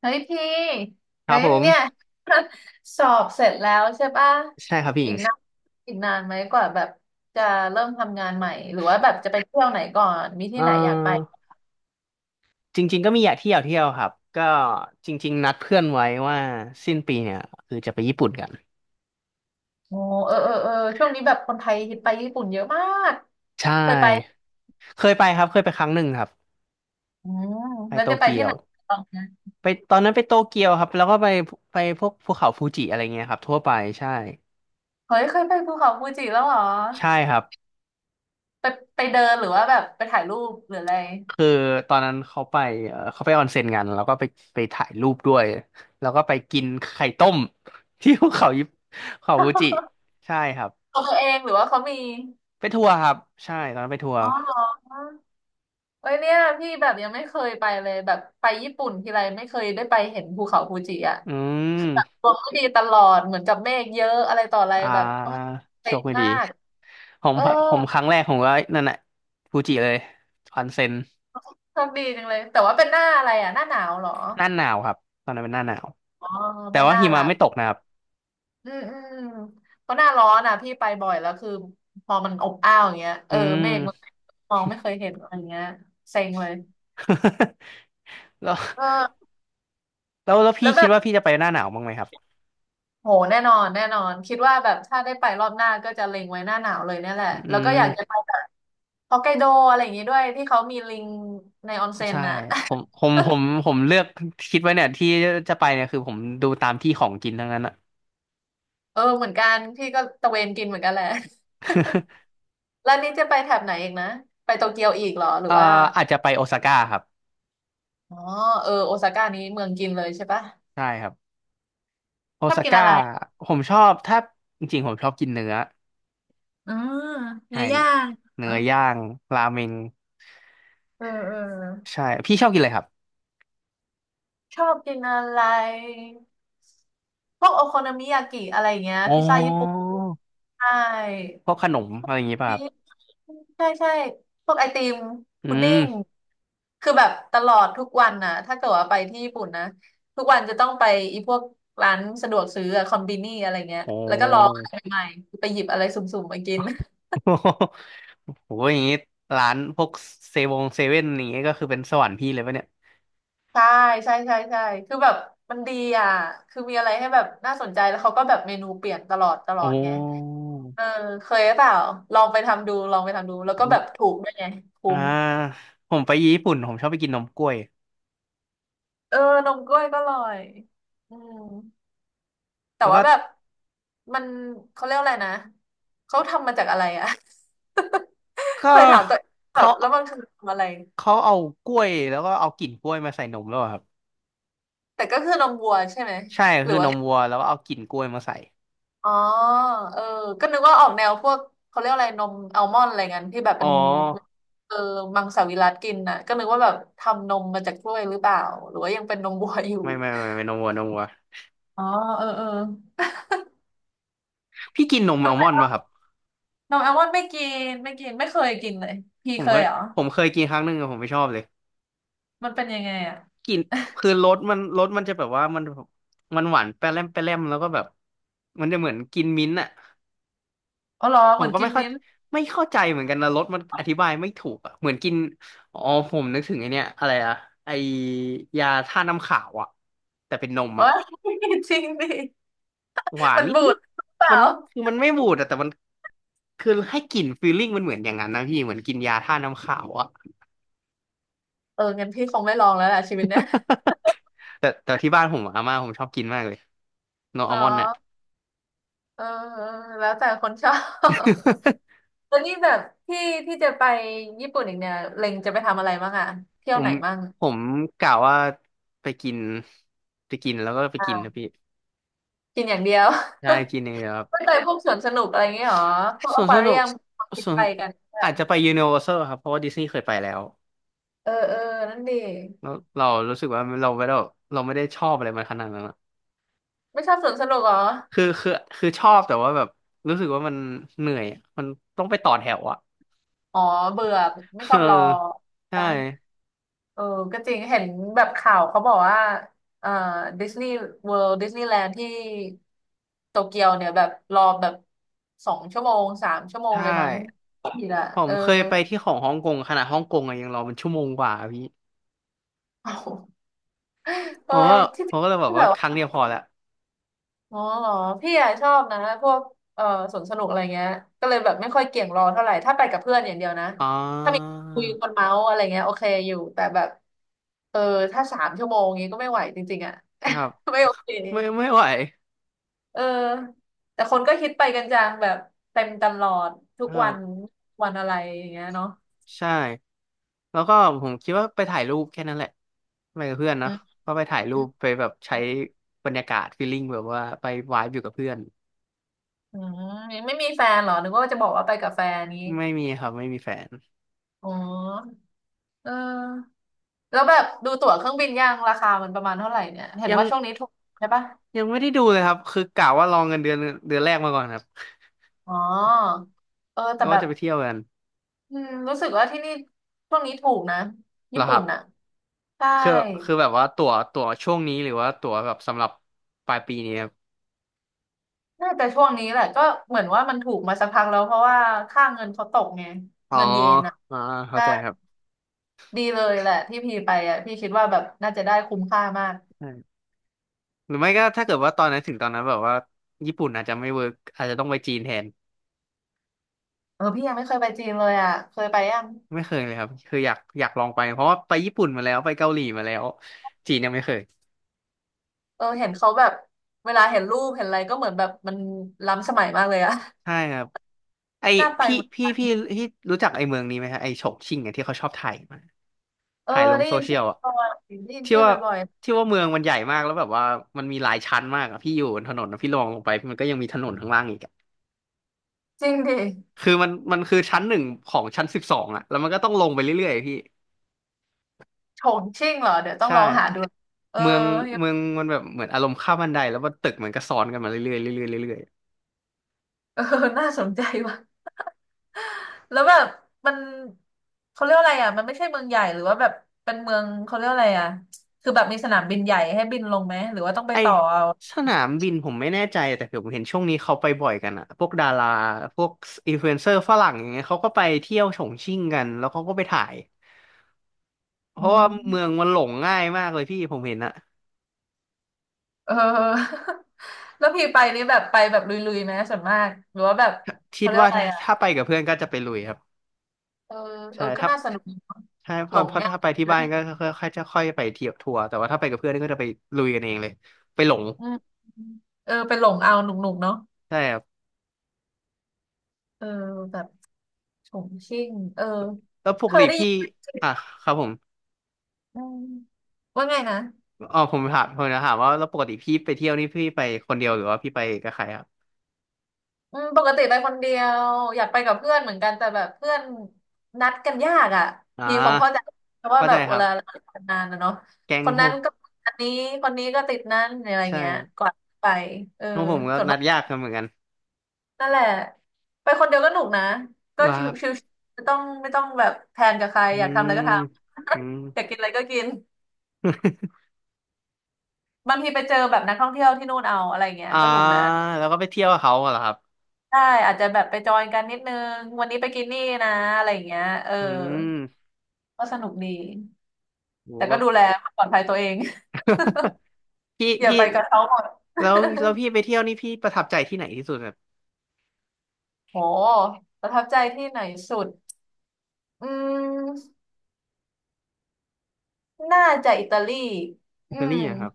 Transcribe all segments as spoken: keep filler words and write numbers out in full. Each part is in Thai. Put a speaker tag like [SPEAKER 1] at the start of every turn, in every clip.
[SPEAKER 1] เฮ้ยพี่
[SPEAKER 2] ค
[SPEAKER 1] เฮ้
[SPEAKER 2] รับ
[SPEAKER 1] ย
[SPEAKER 2] ผม
[SPEAKER 1] เนี่ย สอบเสร็จแล้วใช่ป่ะ
[SPEAKER 2] ใช่ครับพี่ห
[SPEAKER 1] อี
[SPEAKER 2] ญิ
[SPEAKER 1] ก
[SPEAKER 2] ง
[SPEAKER 1] นานอีกนานไหมกว่าแบบจะเริ่มทำงานใหม่หรือว่าแบบจะไปเที่ยวไหนก่อนมี
[SPEAKER 2] เ
[SPEAKER 1] ที่ไหนอยากไป
[SPEAKER 2] ออจริงๆก็มีอยากเที่ยวเที่ยวครับก็จริงๆนัดเพื่อนไว้ว่าสิ้นปีเนี่ยคือจะไปญี่ปุ่นกัน
[SPEAKER 1] โอ้เออเออเออช่วงนี้แบบคนไทยฮิตไปญี่ปุ่นเยอะมาก
[SPEAKER 2] ใช
[SPEAKER 1] เคยไป
[SPEAKER 2] ่เคยไปครับเคยไปครั้งหนึ่งครับ
[SPEAKER 1] อืม
[SPEAKER 2] ไป
[SPEAKER 1] แล้ว
[SPEAKER 2] โต
[SPEAKER 1] จะไป
[SPEAKER 2] เกี
[SPEAKER 1] ที่
[SPEAKER 2] ย
[SPEAKER 1] ไหน
[SPEAKER 2] ว
[SPEAKER 1] บ้างนะ
[SPEAKER 2] ไปตอนนั้นไปโตเกียวครับแล้วก็ไปไปพวกภูเขาฟูจิอะไรเงี้ยครับทั่วไปใช่
[SPEAKER 1] เฮ้ยเคยไปภูเขาฟูจิแล้วเหรอ
[SPEAKER 2] ใช่ครับ
[SPEAKER 1] ไปไปเดินหรือว่าแบบไปถ่ายรูปหรืออะไร
[SPEAKER 2] คือตอนนั้นเขาไปเอ่อเขาไปออนเซ็นกันแล้วก็ไปไปถ่ายรูปด้วยแล้วก็ไปกินไข่ต้ม ที่ภูเขายิปเขาฟูจิใช่ครับ
[SPEAKER 1] ของตัวเองหรือว่าเขามี
[SPEAKER 2] ไปทัวร์ครับใช่ตอนนั้นไปทัวร์
[SPEAKER 1] อ๋อเหรอ เอ้ยเนี่ยพี่แบบยังไม่เคยไปเลยแบบไปญี่ปุ่นทีไรไม่เคยได้ไปเห็นภูเขาฟูจิอ่ะ
[SPEAKER 2] อืม
[SPEAKER 1] ลมไม่ดีตลอดเหมือนกับเมฆเยอะอะไรต่ออะไร
[SPEAKER 2] อ
[SPEAKER 1] แบบโอ๊
[SPEAKER 2] ่า
[SPEAKER 1] ย
[SPEAKER 2] โช
[SPEAKER 1] เซ็
[SPEAKER 2] ค
[SPEAKER 1] ง
[SPEAKER 2] ไม่ดี
[SPEAKER 1] มาก
[SPEAKER 2] ผม
[SPEAKER 1] เออ
[SPEAKER 2] ผมครั้งแรกผมก็นั่นแหละฟูจิเลยออนเซ็น
[SPEAKER 1] โชคดีจังเลยแต่ว่าเป็นหน้าอะไรอ่ะหน้าหนาวเหรอ
[SPEAKER 2] หน้าหนาวครับตอนนั้นเป็นหน้าหนาว
[SPEAKER 1] อ๋อ
[SPEAKER 2] แต่
[SPEAKER 1] ไม่
[SPEAKER 2] ว่า
[SPEAKER 1] น่า
[SPEAKER 2] หิ
[SPEAKER 1] หลั
[SPEAKER 2] มะ
[SPEAKER 1] บ
[SPEAKER 2] ไม่ตกนะครับ
[SPEAKER 1] อืมอืมเพราะหน้าร้อนอ่ะพี่ไปบ่อยแล้วคือพอมันอบอ้าวอย่างเงี้ยเอ
[SPEAKER 2] อื
[SPEAKER 1] อเมฆมัน
[SPEAKER 2] ม
[SPEAKER 1] มองไม่เคยเห็นอะไรเงี้ยเซ็งเลย
[SPEAKER 2] แล้ว
[SPEAKER 1] เออ
[SPEAKER 2] แล้วแล้วพี่
[SPEAKER 1] แล้วแบ
[SPEAKER 2] คิด
[SPEAKER 1] บ
[SPEAKER 2] ว่าพี่จะไปหน้าหนาวบ้างไหมครับ
[SPEAKER 1] โหแน่นอนแน่นอนคิดว่าแบบถ้าได้ไปรอบหน้าก็จะเล็งไว้หน้าหนาวเลยเนี่ยแหละ
[SPEAKER 2] อื
[SPEAKER 1] แล้วก็อยากจะ
[SPEAKER 2] ม
[SPEAKER 1] ไปแบบฮอกไกโดอะไรอย่างงี้ด้วยที่เขามีลิงในออนเซ็น
[SPEAKER 2] ใช่
[SPEAKER 1] น่ะ
[SPEAKER 2] ผมผมผมผมเลือกคิดไว้เนี่ยที่จะไปเนี่ยคือผมดูตามที่ของกินทั้งนั้นอะ
[SPEAKER 1] เออเหมือนกันพี่ก็ตะเวนกินเหมือนกันแหละ แล้วนี่จะไปแถบไหนอีกนะไปโตเกียวอีกเหรอหรื
[SPEAKER 2] เอ่
[SPEAKER 1] อ
[SPEAKER 2] อ
[SPEAKER 1] ว่า
[SPEAKER 2] อาจจะไปโอซาก้าครับ
[SPEAKER 1] อ๋อเออโอซาก้านี้เมืองกินเลยใช่ปะ
[SPEAKER 2] ใช่ครับ โอ
[SPEAKER 1] ชอบ
[SPEAKER 2] ซา
[SPEAKER 1] กิน
[SPEAKER 2] ก้า
[SPEAKER 1] อะไร
[SPEAKER 2] ผมชอบถ้าจริงๆผมชอบกินเนื้อ
[SPEAKER 1] อืม
[SPEAKER 2] ใช่
[SPEAKER 1] เนื้อย่างเหร
[SPEAKER 2] เนื้
[SPEAKER 1] อ
[SPEAKER 2] อย่างราเมง
[SPEAKER 1] เออเออ
[SPEAKER 2] ใช่พี่ชอบกินอะไรครับ
[SPEAKER 1] ชอบกินอะไรพวกโอโคโนมิยากิอะไรอย่างเงี้ย
[SPEAKER 2] อ๋
[SPEAKER 1] พิซซ่าญี่ปุ่น
[SPEAKER 2] อ
[SPEAKER 1] ใช่
[SPEAKER 2] พวกขนมอะไรอย่างงี้ป่ะครับ
[SPEAKER 1] ใช่ใช่พวกไอติม
[SPEAKER 2] อื
[SPEAKER 1] พุดดิ้ง
[SPEAKER 2] ม
[SPEAKER 1] คือแบบตลอดทุกวันน่ะถ้าเกิดว่าไปที่ญี่ปุ่นนะทุกวันจะต้องไปอีพวกร้านสะดวกซื้ออะคอมบินี่อะไรเงี้ย
[SPEAKER 2] โอ้
[SPEAKER 1] แล้วก็ลองอะไรใหม่ๆไปหยิบอะไรสุ่มๆมากิน
[SPEAKER 2] โหอย่างงี้ร้านพวกเซเวงเซเว่นอย่างงี้ก็คือเป็นสวรรค์พี่เลยปะเนี่ย
[SPEAKER 1] ใช่ใช่ใช่ใช่คือแบบมันดีอ่ะคือมีอะไรให้แบบน่าสนใจแล้วเขาก็แบบเมนูเปลี่ยนตลอดตล
[SPEAKER 2] โอ
[SPEAKER 1] อดไง
[SPEAKER 2] ้
[SPEAKER 1] เออเคยหรือเปล่าลองไปทำดูลองไปทำดูแล้วก็
[SPEAKER 2] อื
[SPEAKER 1] แบ
[SPEAKER 2] ม
[SPEAKER 1] บถูกด้วยไงคุ้
[SPEAKER 2] อ่า
[SPEAKER 1] ม
[SPEAKER 2] ผมไปญี่ปุ่นผมชอบไปกินนมกล้วย
[SPEAKER 1] เออนมกล้วยก็อร่อยอืม แต่
[SPEAKER 2] แล้วก็
[SPEAKER 1] ว่าแบบมันเขาเรียกอะไรนะเขาทำมาจากอะไรอะ
[SPEAKER 2] ก็
[SPEAKER 1] เคยถามตัวเองแบ
[SPEAKER 2] เขา
[SPEAKER 1] บแล้วมันคือทำอะไร
[SPEAKER 2] เขาเอากล้วยแล้วก็เอากลิ่นกล้วยมาใส่นมแล้วอะครับ
[SPEAKER 1] แต่ก็คือนมวัวใช่ไหม
[SPEAKER 2] ใช่
[SPEAKER 1] หรื
[SPEAKER 2] คื
[SPEAKER 1] อ
[SPEAKER 2] อน
[SPEAKER 1] ว่า
[SPEAKER 2] มวัวแล้วก็เอากลิ่นกล้วยมาใส่
[SPEAKER 1] อ๋อเออก็นึกว่าออกแนวพวกเขาเรียกอะไรนมอัลมอนด์อะไรเงี้ยที่แบบ
[SPEAKER 2] อ๋อ
[SPEAKER 1] เป็นเออมังสวิรัติกินน่ะก็นึกว่าแบบทำนมมาจากกล้วยหรือเปล่าหรือว่ายังเป็นนมวัวอยู่
[SPEAKER 2] ไม่ไม่ไม่ไม่นมวัวนมวัว
[SPEAKER 1] อ๋อเออเออ
[SPEAKER 2] พี่กินนมอัลมอนด์ป่ะครับ
[SPEAKER 1] นมแอลมอนด์ไม่กินไม่กินไม่เคยกินเลยพี่
[SPEAKER 2] ผม
[SPEAKER 1] เค
[SPEAKER 2] เค
[SPEAKER 1] ย
[SPEAKER 2] ย
[SPEAKER 1] เหรอ
[SPEAKER 2] ผมเคยกินครั้งหนึ่งอะผมไม่ชอบเลย
[SPEAKER 1] มันเป็นยังไงอ่ะ
[SPEAKER 2] กินคือรสมันรสมันจะแบบว่ามันมันหวานแปร่มแปร่มแล้วก็แบบมันจะเหมือนกินมิ้นท์อ่ะ
[SPEAKER 1] อ๋อเหรอ
[SPEAKER 2] ผ
[SPEAKER 1] เห
[SPEAKER 2] ม
[SPEAKER 1] มือน
[SPEAKER 2] ก็
[SPEAKER 1] กิ
[SPEAKER 2] ไม่
[SPEAKER 1] น
[SPEAKER 2] เข้า
[SPEAKER 1] มิ้นท์
[SPEAKER 2] ไม่เข้าใจเหมือนกันนะรสมันอธิบายไม่ถูกอะเหมือนกินอ๋อผมนึกถึงไอเนี้ยอะไรอะไอยาท่าตุน้ำขาวอะแต่เป็นนม
[SPEAKER 1] เอ้
[SPEAKER 2] อะ
[SPEAKER 1] ย จริงดิ
[SPEAKER 2] หวาน
[SPEAKER 1] มัน
[SPEAKER 2] นิด
[SPEAKER 1] บู
[SPEAKER 2] นิ
[SPEAKER 1] ด
[SPEAKER 2] ด
[SPEAKER 1] หรือเปล่า
[SPEAKER 2] มันคือมันไม่บูดอะแต่มันคือให้กลิ่นฟีลลิ่งมันเหมือนอย่างนั้นนะพี่เหมือนกินยาท่าตุน้ำขาวอะ
[SPEAKER 1] เอองั้นพี่คงไม่ลองแล้วล่ะชีวิตเนี้ย
[SPEAKER 2] แต่แต่ที่บ้านผมออาม่าผมชอบกินมากเลยโนอั
[SPEAKER 1] เนา
[SPEAKER 2] ลมอนด์เนี่ย
[SPEAKER 1] ะเออเออแล้วแต่คนชอบ แล้วนี่แบบที่ที่จะไปญี่ปุ่นอีกเนี่ยเล็งจะไปทำอะไรบ้างอะเที่ ย
[SPEAKER 2] ผ
[SPEAKER 1] วไห
[SPEAKER 2] ม
[SPEAKER 1] นบ้าง
[SPEAKER 2] ผมกะว่าไปกินไปกินแล้วก็ไป
[SPEAKER 1] อ่
[SPEAKER 2] กินนะ
[SPEAKER 1] า
[SPEAKER 2] พี่
[SPEAKER 1] กินอย่างเดียว
[SPEAKER 2] ใช่กินเองเลยครับ
[SPEAKER 1] ไม่ไป พวกสวนสนุกอะไรอย่างเงี้ยหรอพวก
[SPEAKER 2] ส่
[SPEAKER 1] อ
[SPEAKER 2] วน
[SPEAKER 1] ค
[SPEAKER 2] ส
[SPEAKER 1] วา
[SPEAKER 2] นุ
[SPEAKER 1] เรี
[SPEAKER 2] ก
[SPEAKER 1] ยมคิด
[SPEAKER 2] ส่วน
[SPEAKER 1] ไปกันไม่เห
[SPEAKER 2] อา
[SPEAKER 1] รอ
[SPEAKER 2] จจะไปยูนิเวอร์แซลครับเพราะว่าดิสนีย์เคยไปแล้ว
[SPEAKER 1] เออเออนั่นดิ
[SPEAKER 2] แล้วเรารู้สึกว่าเราไม่ได้เราไม่ได้ชอบอะไรมันขนาดนั้น
[SPEAKER 1] ไม่ชอบสวนสนุกเหรอ
[SPEAKER 2] คือคือคือชอบแต่ว่าแบบรู้สึกว่ามันเหนื่อยอะมันต้องไปต่อแถวอ่ะ
[SPEAKER 1] อ๋อเบื่อไม่ช
[SPEAKER 2] เออ
[SPEAKER 1] อบรอ
[SPEAKER 2] ใช่
[SPEAKER 1] ปะ เออก็จริงเห็นแบบข่าวเขาบอกว่าเอ่อดิสนีย์เวิลด์ดิสนีย์แลนด์ที่โตเกียวเนี่ยแบบรอแบบสองชั่วโมงสามชั่วโมง
[SPEAKER 2] ใช่
[SPEAKER 1] เลยมั้งผิดอ่ะ
[SPEAKER 2] ผ
[SPEAKER 1] เอ
[SPEAKER 2] ม
[SPEAKER 1] อ
[SPEAKER 2] เคยไปที่ของฮ่องกงขนาดฮ่องกงอะยังรอเป็นชั่วโมงกว่าอะพี่
[SPEAKER 1] เอาเอ
[SPEAKER 2] ผ
[SPEAKER 1] อ
[SPEAKER 2] มก็
[SPEAKER 1] ที่
[SPEAKER 2] ผมก็เลยบอก
[SPEAKER 1] ที่แบ
[SPEAKER 2] ว่า
[SPEAKER 1] บ
[SPEAKER 2] ครั้ง
[SPEAKER 1] ว่า
[SPEAKER 2] เดียวพอละ
[SPEAKER 1] อ๋อเหรอพี่อะชอบนะพวกเอ่อสวนสนุกอะไรเงี้ย ก็เลยแบบไม่ค่อยเกี่ยงรอเท่าไหร่ ถ้าไปกับเพื่อนอย่างเดียวนะ
[SPEAKER 2] อ๋อ
[SPEAKER 1] ถ้ามีคุยคนเมาส์อะไรเงี้ยโอเคอยู่ แต่แบบเออถ้าสามชั่วโมงงี้ก็ไม่ไหวจริงๆอ่ะ
[SPEAKER 2] ครับ
[SPEAKER 1] ไม่โอเค
[SPEAKER 2] ไม่ไม่ไหว
[SPEAKER 1] เออแต่คนก็คิดไปกันจังแบบเต็มตลอดทุ
[SPEAKER 2] ค
[SPEAKER 1] ก
[SPEAKER 2] รั
[SPEAKER 1] วัน
[SPEAKER 2] บ
[SPEAKER 1] วันอะไรอย่างเงี้ยเนาะ
[SPEAKER 2] ใช่แล้วก็ผมคิดว่าไปถ่ายรูปแค่นั้นแหละไปกับเพื่อน
[SPEAKER 1] อื
[SPEAKER 2] นะ
[SPEAKER 1] ม
[SPEAKER 2] ก็ไปถ่ายรูปไปแบบใช้บรรยากาศฟีลลิ่งแบบว่าไปวายอยู่กับเพื่อน
[SPEAKER 1] อืมยังไม่มีแฟนเหรอนึกว่าจะบอกว่าไปกับแฟนนี้
[SPEAKER 2] ไม่มีครับไม่มีแฟน
[SPEAKER 1] อ๋อเออแล้วแบบดูตั๋วเครื่องบินยังราคามันประมาณเท่าไหร่เนี่ยเห็น
[SPEAKER 2] ยัง
[SPEAKER 1] ว่าช่วงนี้ถูกใช่ปะ
[SPEAKER 2] ยังไม่ได้ดูเลยครับคือกะว่าลองเงินเดือนเดือนแรกมาก่อนครับ
[SPEAKER 1] อ๋อเออ
[SPEAKER 2] แล้
[SPEAKER 1] แต่
[SPEAKER 2] ว
[SPEAKER 1] แบ
[SPEAKER 2] ว่า
[SPEAKER 1] บ
[SPEAKER 2] จะไปเที่ยวกัน
[SPEAKER 1] อืมรู้สึกว่าที่นี่ช่วงนี้ถูกนะ
[SPEAKER 2] เหร
[SPEAKER 1] ญี่
[SPEAKER 2] อค
[SPEAKER 1] ปุ่
[SPEAKER 2] รั
[SPEAKER 1] น
[SPEAKER 2] บ
[SPEAKER 1] น่ะใช่
[SPEAKER 2] คือคือแบบว่าตั๋วตั๋วช่วงนี้หรือว่าตั๋วแบบสำหรับปลายปีนี้ครับ
[SPEAKER 1] น่าจะช่วงนี้แหละก็เหมือนว่ามันถูกมาสักพักแล้วเพราะว่าค่าเงินเขาตกไง
[SPEAKER 2] อ๋อ
[SPEAKER 1] เงินเยนอ่ะ
[SPEAKER 2] อ่าเข้า
[SPEAKER 1] ใช่
[SPEAKER 2] ใจครับ
[SPEAKER 1] ดีเลยแหละที่พี่ไปอ่ะพี่คิดว่าแบบน่าจะได้คุ้มค่ามาก
[SPEAKER 2] ใช่หรือไม่ก็ถ้าเกิดว่าตอนนั้นถึงตอนนั้นแบบว่าญี่ปุ่นอาจจะไม่เวิร์กอาจจะต้องไปจีนแทน
[SPEAKER 1] เออพี่ยังไม่เคยไปจีนเลยอ่ะเคยไปยัง
[SPEAKER 2] ไม่เคยเลยครับคืออยากอยากลองไปเพราะว่าไปญี่ปุ่นมาแล้วไปเกาหลีมาแล้วจีนยังไม่เคย
[SPEAKER 1] เออเห็นเขาแบบเวลาเห็นรูปเห็นอะไรก็เหมือนแบบมันล้ำสมัยมากเลยอ่ะ
[SPEAKER 2] ใช่ครับไอ
[SPEAKER 1] น่าไป
[SPEAKER 2] พี่
[SPEAKER 1] เหมือน
[SPEAKER 2] พี่พี่ที่รู้จักไอเมืองนี้ไหมฮะไอฉงชิ่งเนี่ยที่เขาชอบถ่ายมา
[SPEAKER 1] เออ
[SPEAKER 2] ถ่ายลง
[SPEAKER 1] ได้
[SPEAKER 2] โซ
[SPEAKER 1] ยิน
[SPEAKER 2] เชีย
[SPEAKER 1] ชื่อ
[SPEAKER 2] ลอ่ะ
[SPEAKER 1] บ่อยได้ยิน
[SPEAKER 2] ที่
[SPEAKER 1] ชื่อ
[SPEAKER 2] ว่า
[SPEAKER 1] บ่อย
[SPEAKER 2] ที่ว่าเมืองมันใหญ่มากแล้วแบบว่ามันมีหลายชั้นมากอะพี่อยู่บนถนนอะพี่ลองลงไปมันก็ยังมีถนนข้างล่างอีกอะ
[SPEAKER 1] ๆจริงดิ
[SPEAKER 2] คือมันมันคือชั้นหนึ่งของชั้นสิบสองอะแล้วมันก็ต้องลงไปเรื่อยๆพี่
[SPEAKER 1] ฉงชิ่งเหรอเดี๋ยวต้อง
[SPEAKER 2] ใช่
[SPEAKER 1] ลองหาดูเออ
[SPEAKER 2] เมืองเมืองมันแบบเหมือนอารมณ์ข้ามบันไดแล้วว่าตึกมันก็ซ้อนกันมาเรื่อยๆเรื่อยๆเรื่อย
[SPEAKER 1] เออน่าสนใจว่ะ แล้วแบบมันเขาเรียกว่าอะไรอ่ะมันไม่ใช่เมืองใหญ่หรือว่าแบบเป็นเมืองเขาเรียกว่าอะไรอ่ะคือแบบมีสนามบินใหญ่ให้บินลงไหมหรือว่าต้อง
[SPEAKER 2] ๆ
[SPEAKER 1] ไป
[SPEAKER 2] ไอ
[SPEAKER 1] ต่อเอา
[SPEAKER 2] สนามบินผมไม่แน่ใจแต่ผมเห็นช่วงนี้เขาไปบ่อยกันอะพวกดาราพวกอินฟลูเอนเซอร์ฝรั่งอย่างเงี้ยเขาก็ไปเที่ยวฉงชิ่งกันแล้วเขาก็ไปถ่ายเพ
[SPEAKER 1] อ๋อ
[SPEAKER 2] ราะว่าเมืองมันหลงง่ายมากเลยพี่ผมเห็นอะ
[SPEAKER 1] เออ แล้วพี่ไปนี่แบบไปแบบลุยๆไหมส่วนมากหรือว่าแบบ
[SPEAKER 2] คิ
[SPEAKER 1] เขา
[SPEAKER 2] ด
[SPEAKER 1] เรียก
[SPEAKER 2] ว่า
[SPEAKER 1] ว่าอะไร
[SPEAKER 2] ถ้า
[SPEAKER 1] อ่ะ
[SPEAKER 2] ถ้าไปกับเพื่อนก็จะไปลุยครับ
[SPEAKER 1] เออเอ
[SPEAKER 2] ใช่
[SPEAKER 1] อก็
[SPEAKER 2] ถ้า
[SPEAKER 1] น่าสนุกดีเนอะ
[SPEAKER 2] ใช่เพ
[SPEAKER 1] หล
[SPEAKER 2] ราะ
[SPEAKER 1] ง
[SPEAKER 2] เพราะ
[SPEAKER 1] ง่าย
[SPEAKER 2] ถ้าไปที่บ้าน
[SPEAKER 1] นะ
[SPEAKER 2] ก็ค่อยค่อยจะค่อยไปเที่ยวทัวร์แต่ว่าถ้าไปกับเพื่อนก็จะไปลุยกันเองเลยไปหลง
[SPEAKER 1] อืมเออไปหลงเอาหนุกๆเนาะ
[SPEAKER 2] ใช่ครับ
[SPEAKER 1] เออแบบฉงชิ่งเออ
[SPEAKER 2] แล้วป
[SPEAKER 1] เค
[SPEAKER 2] ก
[SPEAKER 1] ย
[SPEAKER 2] ติ
[SPEAKER 1] ได้ยิ
[SPEAKER 2] พี่
[SPEAKER 1] น
[SPEAKER 2] อ่ะครับผม
[SPEAKER 1] อืมว่าไงนะ
[SPEAKER 2] อ๋อผมถามผมจะถามว่าแล้วปกติพี่ไปเที่ยวนี่พี่ไปคนเดียวหรือว่าพี่ไปกับใครครับ
[SPEAKER 1] อืมปกติไปคนเดียวอยากไปกับเพื่อนเหมือนกันแต่แบบเพื่อนนัดกันยากอ่ะ
[SPEAKER 2] อ่
[SPEAKER 1] พี่คงเข้าใจ
[SPEAKER 2] า
[SPEAKER 1] เพราะว่า
[SPEAKER 2] เข้า
[SPEAKER 1] แบ
[SPEAKER 2] ใจ
[SPEAKER 1] บ
[SPEAKER 2] ค
[SPEAKER 1] เว
[SPEAKER 2] รั
[SPEAKER 1] ลาเรา
[SPEAKER 2] บ
[SPEAKER 1] ทำงานนะเนาะ
[SPEAKER 2] แก๊
[SPEAKER 1] ค
[SPEAKER 2] ง
[SPEAKER 1] น
[SPEAKER 2] โฮ
[SPEAKER 1] นั้นก็อันนี้คนนี้ก็ติดนั้นอะไร
[SPEAKER 2] ใช่
[SPEAKER 1] เงี้ย
[SPEAKER 2] ครับ
[SPEAKER 1] กว่าไปเออ
[SPEAKER 2] ของผมก็นัดยากกันเหมือนกัน
[SPEAKER 1] นั่นแหละไปคนเดียวก็หนุกนะก็
[SPEAKER 2] ว่า
[SPEAKER 1] ช
[SPEAKER 2] ครั
[SPEAKER 1] ิว
[SPEAKER 2] บ
[SPEAKER 1] ๆไม่ต้องไม่ต้องแบบแพลนกับใคร
[SPEAKER 2] อื
[SPEAKER 1] อยากทำอะ
[SPEAKER 2] ม
[SPEAKER 1] ไรก็ทำ
[SPEAKER 2] อืม
[SPEAKER 1] อยากกินอะไรก็กินบางทีไปเจอแบบนักท่องเที่ยวที่นู่นเอาอะไรเงี้ ย
[SPEAKER 2] อ่า
[SPEAKER 1] ก็หนุกนะ
[SPEAKER 2] แล้วก็ไปเที่ยวกับเขาเหรอครับ
[SPEAKER 1] ได้อาจจะแบบไปจอยกันนิดนึงวันนี้ไปกินนี่นะอะไรอย่างเงี้ยเออ
[SPEAKER 2] อืม
[SPEAKER 1] ก็สนุกดี
[SPEAKER 2] โ
[SPEAKER 1] แต่ก็
[SPEAKER 2] ห
[SPEAKER 1] ดูแลความปลอดภัยตัวเอง
[SPEAKER 2] พี่
[SPEAKER 1] อย่า
[SPEAKER 2] พี่
[SPEAKER 1] ไปกับเขาหมด
[SPEAKER 2] แล้วแล้วพี่ไป เที่ยวนี่พี่ประทับใจที่ไหนที่สุดครับ
[SPEAKER 1] โหประทับใจที่ไหนสุดอืมน่าจะอิตาลีอื
[SPEAKER 2] อิตาลี
[SPEAKER 1] ม
[SPEAKER 2] อะครับ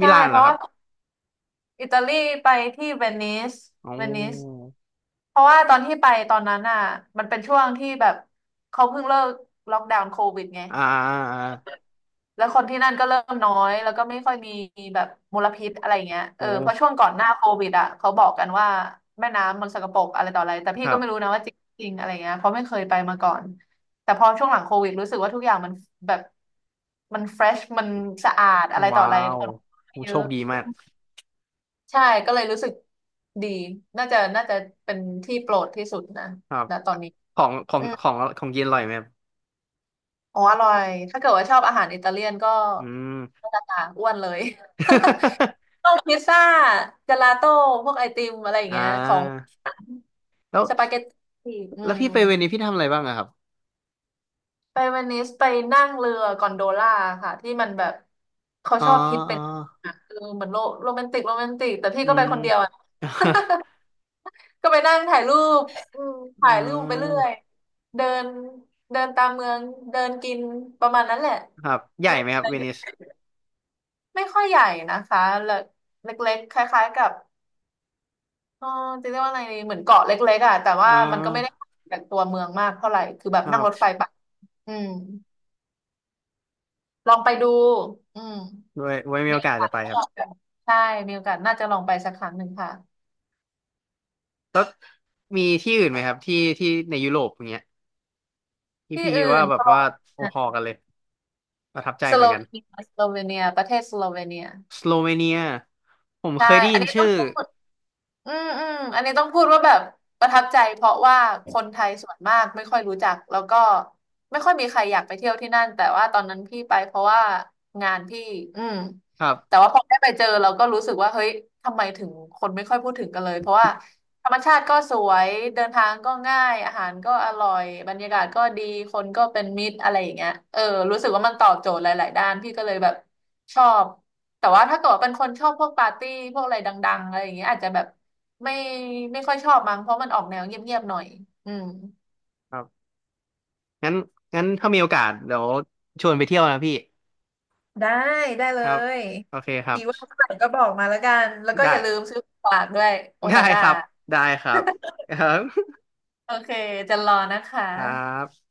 [SPEAKER 2] มิ
[SPEAKER 1] ช่
[SPEAKER 2] ลาน
[SPEAKER 1] เพ
[SPEAKER 2] เหรอ
[SPEAKER 1] ราะ
[SPEAKER 2] ครั
[SPEAKER 1] ว่า
[SPEAKER 2] บ
[SPEAKER 1] อิตาลีไปที่เวนิส
[SPEAKER 2] อ๋
[SPEAKER 1] เวนิส
[SPEAKER 2] อ
[SPEAKER 1] เพราะว่าตอนที่ไปตอนนั้นอ่ะมันเป็นช่วงที่แบบเขาเพิ่งเลิกล็อกดาวน์โควิดไง
[SPEAKER 2] อ่าอ่า
[SPEAKER 1] แล้วคนที่นั่นก็เริ่มน้อยแล้วก็ไม่ค่อยมีแบบมลพิษอะไรเงี้ย
[SPEAKER 2] โ
[SPEAKER 1] เออเพราะช่ว
[SPEAKER 2] อ้
[SPEAKER 1] งก่อนหน้าโควิดอ่ะเขาบอกกันว่าแม่น้ำมันสกปรกอะไรต่ออะไรแต่
[SPEAKER 2] ค
[SPEAKER 1] พี่
[SPEAKER 2] รั
[SPEAKER 1] ก็ไม่รู้
[SPEAKER 2] บ
[SPEAKER 1] นะว่าจริงๆอะไรเงี้ยเพราะไม่เคยไปมาก่อนแต่พอช่วงหลังโควิดรู้สึกว่าทุกอย่างมันแบบมันเฟรชมันสะอาดอะไรต่อ
[SPEAKER 2] ว้า
[SPEAKER 1] อะไรค
[SPEAKER 2] ว
[SPEAKER 1] น
[SPEAKER 2] โอ้
[SPEAKER 1] เย
[SPEAKER 2] โช
[SPEAKER 1] อะ
[SPEAKER 2] คดีมาก
[SPEAKER 1] ใช่ก็เลยรู้สึกดีน่าจะน่าจะเป็นที่โปรดที่สุดนะ
[SPEAKER 2] ครับ
[SPEAKER 1] ณตอนนี้
[SPEAKER 2] ของของ
[SPEAKER 1] อืม
[SPEAKER 2] ของของเย็นอร่อยไหมครับ
[SPEAKER 1] อ๋ออร่อยถ้าเกิดว่าชอบอาหารอิตาเลียนก็
[SPEAKER 2] อืม
[SPEAKER 1] ก็จะอ้วนเลย ต้องพิซซ่าเจลาโต้พวกไอติมอะไรอย่าง
[SPEAKER 2] อ่
[SPEAKER 1] เงี้ยของ
[SPEAKER 2] าแล้ว
[SPEAKER 1] สปาเกตตีอื
[SPEAKER 2] แล้วพี่
[SPEAKER 1] ม
[SPEAKER 2] ไปเวนิสพี่ทำอะไรบ้างอะครับ
[SPEAKER 1] ไปเวนิสไปนั่งเรือกอนโดล่าค่ะที่มันแบบเขา
[SPEAKER 2] อ๋อ
[SPEAKER 1] ชอบฮิต
[SPEAKER 2] อ๋
[SPEAKER 1] เป็
[SPEAKER 2] อ
[SPEAKER 1] นอ่ะคือเหมือนโรโรแมนติกโรแมนติกแต่พี่
[SPEAKER 2] อื
[SPEAKER 1] ก็ไป
[SPEAKER 2] ม
[SPEAKER 1] คนเดียวอ่ะ ก็ไปนั่งถ่ายรูปอืม
[SPEAKER 2] อื
[SPEAKER 1] ถ่ายรูปไปเรื่อย
[SPEAKER 2] ม
[SPEAKER 1] เดินเดินตามเมืองเดินกินประมาณนั้นแหละ
[SPEAKER 2] ครับใหญ่
[SPEAKER 1] ไม่
[SPEAKER 2] ไหม
[SPEAKER 1] มี
[SPEAKER 2] ครั
[SPEAKER 1] อะ
[SPEAKER 2] บ
[SPEAKER 1] ไร
[SPEAKER 2] เวนิส
[SPEAKER 1] ไม่ค่อยใหญ่นะคะเล็กเล็กๆคล้ายๆกับเออจะเรียกว่าอะไรดีเหมือนเกาะเล็กๆอ่ะแต่
[SPEAKER 2] อ๋
[SPEAKER 1] ว่ามันก็ไม่ได้
[SPEAKER 2] อ
[SPEAKER 1] จากตัวเมืองมากเท่าไหร่คือแบ
[SPEAKER 2] ค
[SPEAKER 1] บ
[SPEAKER 2] รั
[SPEAKER 1] นั่ง
[SPEAKER 2] บ
[SPEAKER 1] รถไฟไปอืมลองไปดูอืม
[SPEAKER 2] ไว้ไว้มี
[SPEAKER 1] มี
[SPEAKER 2] โอ
[SPEAKER 1] โอ
[SPEAKER 2] กาส
[SPEAKER 1] กา
[SPEAKER 2] จะ
[SPEAKER 1] ส
[SPEAKER 2] ไป
[SPEAKER 1] ก็
[SPEAKER 2] ครั
[SPEAKER 1] ลอง
[SPEAKER 2] บ
[SPEAKER 1] ไปใช่มีโอกาสน่าจะลองไปสักครั้งหนึ่งค่ะ
[SPEAKER 2] มีที่อื่นไหมครับที่ที่ในยุโรปอย่างเงี้ยที่
[SPEAKER 1] ที่
[SPEAKER 2] พี่คิ
[SPEAKER 1] อื่
[SPEAKER 2] ดว่า
[SPEAKER 1] น
[SPEAKER 2] แบ
[SPEAKER 1] ส
[SPEAKER 2] บ
[SPEAKER 1] โล
[SPEAKER 2] ว่าพอๆกันเลยประทับใจ
[SPEAKER 1] ส
[SPEAKER 2] เหมื
[SPEAKER 1] โล
[SPEAKER 2] อนกัน
[SPEAKER 1] เวเนียสโลเวเนียประเทศสโลเวเนีย
[SPEAKER 2] สโลเวเนียผม
[SPEAKER 1] ใช่
[SPEAKER 2] เคยได้
[SPEAKER 1] อัน
[SPEAKER 2] ยิน
[SPEAKER 1] นี้ต้
[SPEAKER 2] ชื่
[SPEAKER 1] อง
[SPEAKER 2] อ
[SPEAKER 1] พูด อืมอืมอันนี้ต้องพูดว่าแบบประทับใจเพราะว่าคนไทยส่วนมากไม่ค่อยรู้จักแล้วก็ไม่ค่อยมีใครอยากไปเที่ยวที่นั่นแต่ว่าตอนนั้นพี่ไปเพราะว่างานพี่อืม
[SPEAKER 2] ครับ
[SPEAKER 1] แต่ว่าพอได้ไปเจอเราก็รู้สึกว่าเฮ้ยทำไมถึงคนไม่ค่อยพูดถึงกันเลยเพราะว่าธรรมชาติก็สวยเดินทางก็ง่ายอาหารก็อร่อยบรรยากาศก็ดีคนก็เป็นมิตรอะไรอย่างเงี้ยเออรู้สึกว่ามันตอบโจทย์หลายๆด้านพี่ก็เลยแบบชอบ แต่ว่าถ้าเกิดว่าเป็นคนชอบพวกปาร์ตี้พวกอะไรดังๆอะไรอย่างเงี้ยอาจจะแบบไม่ไม่ค่อยชอบมั้งเพราะมันออกแนวเงียบๆหน่อยอืม
[SPEAKER 2] ครับงั้นงั้นถ้ามีโอกาสเดี๋ยวชวนไปเที่ยวนะพี่
[SPEAKER 1] ได้ได้เล
[SPEAKER 2] ครับ
[SPEAKER 1] ย
[SPEAKER 2] โอเคครั
[SPEAKER 1] ที
[SPEAKER 2] บ
[SPEAKER 1] ว่างเมื่อไหร่ก็บอกมาแล้วกันแล้วก็
[SPEAKER 2] ได้
[SPEAKER 1] อย่าลืมซื้อของฝากด้วยโอ
[SPEAKER 2] ได้
[SPEAKER 1] ซาก้า
[SPEAKER 2] ครับได้ครับ ครับ
[SPEAKER 1] โอเคจะรอนะคะ
[SPEAKER 2] ครับ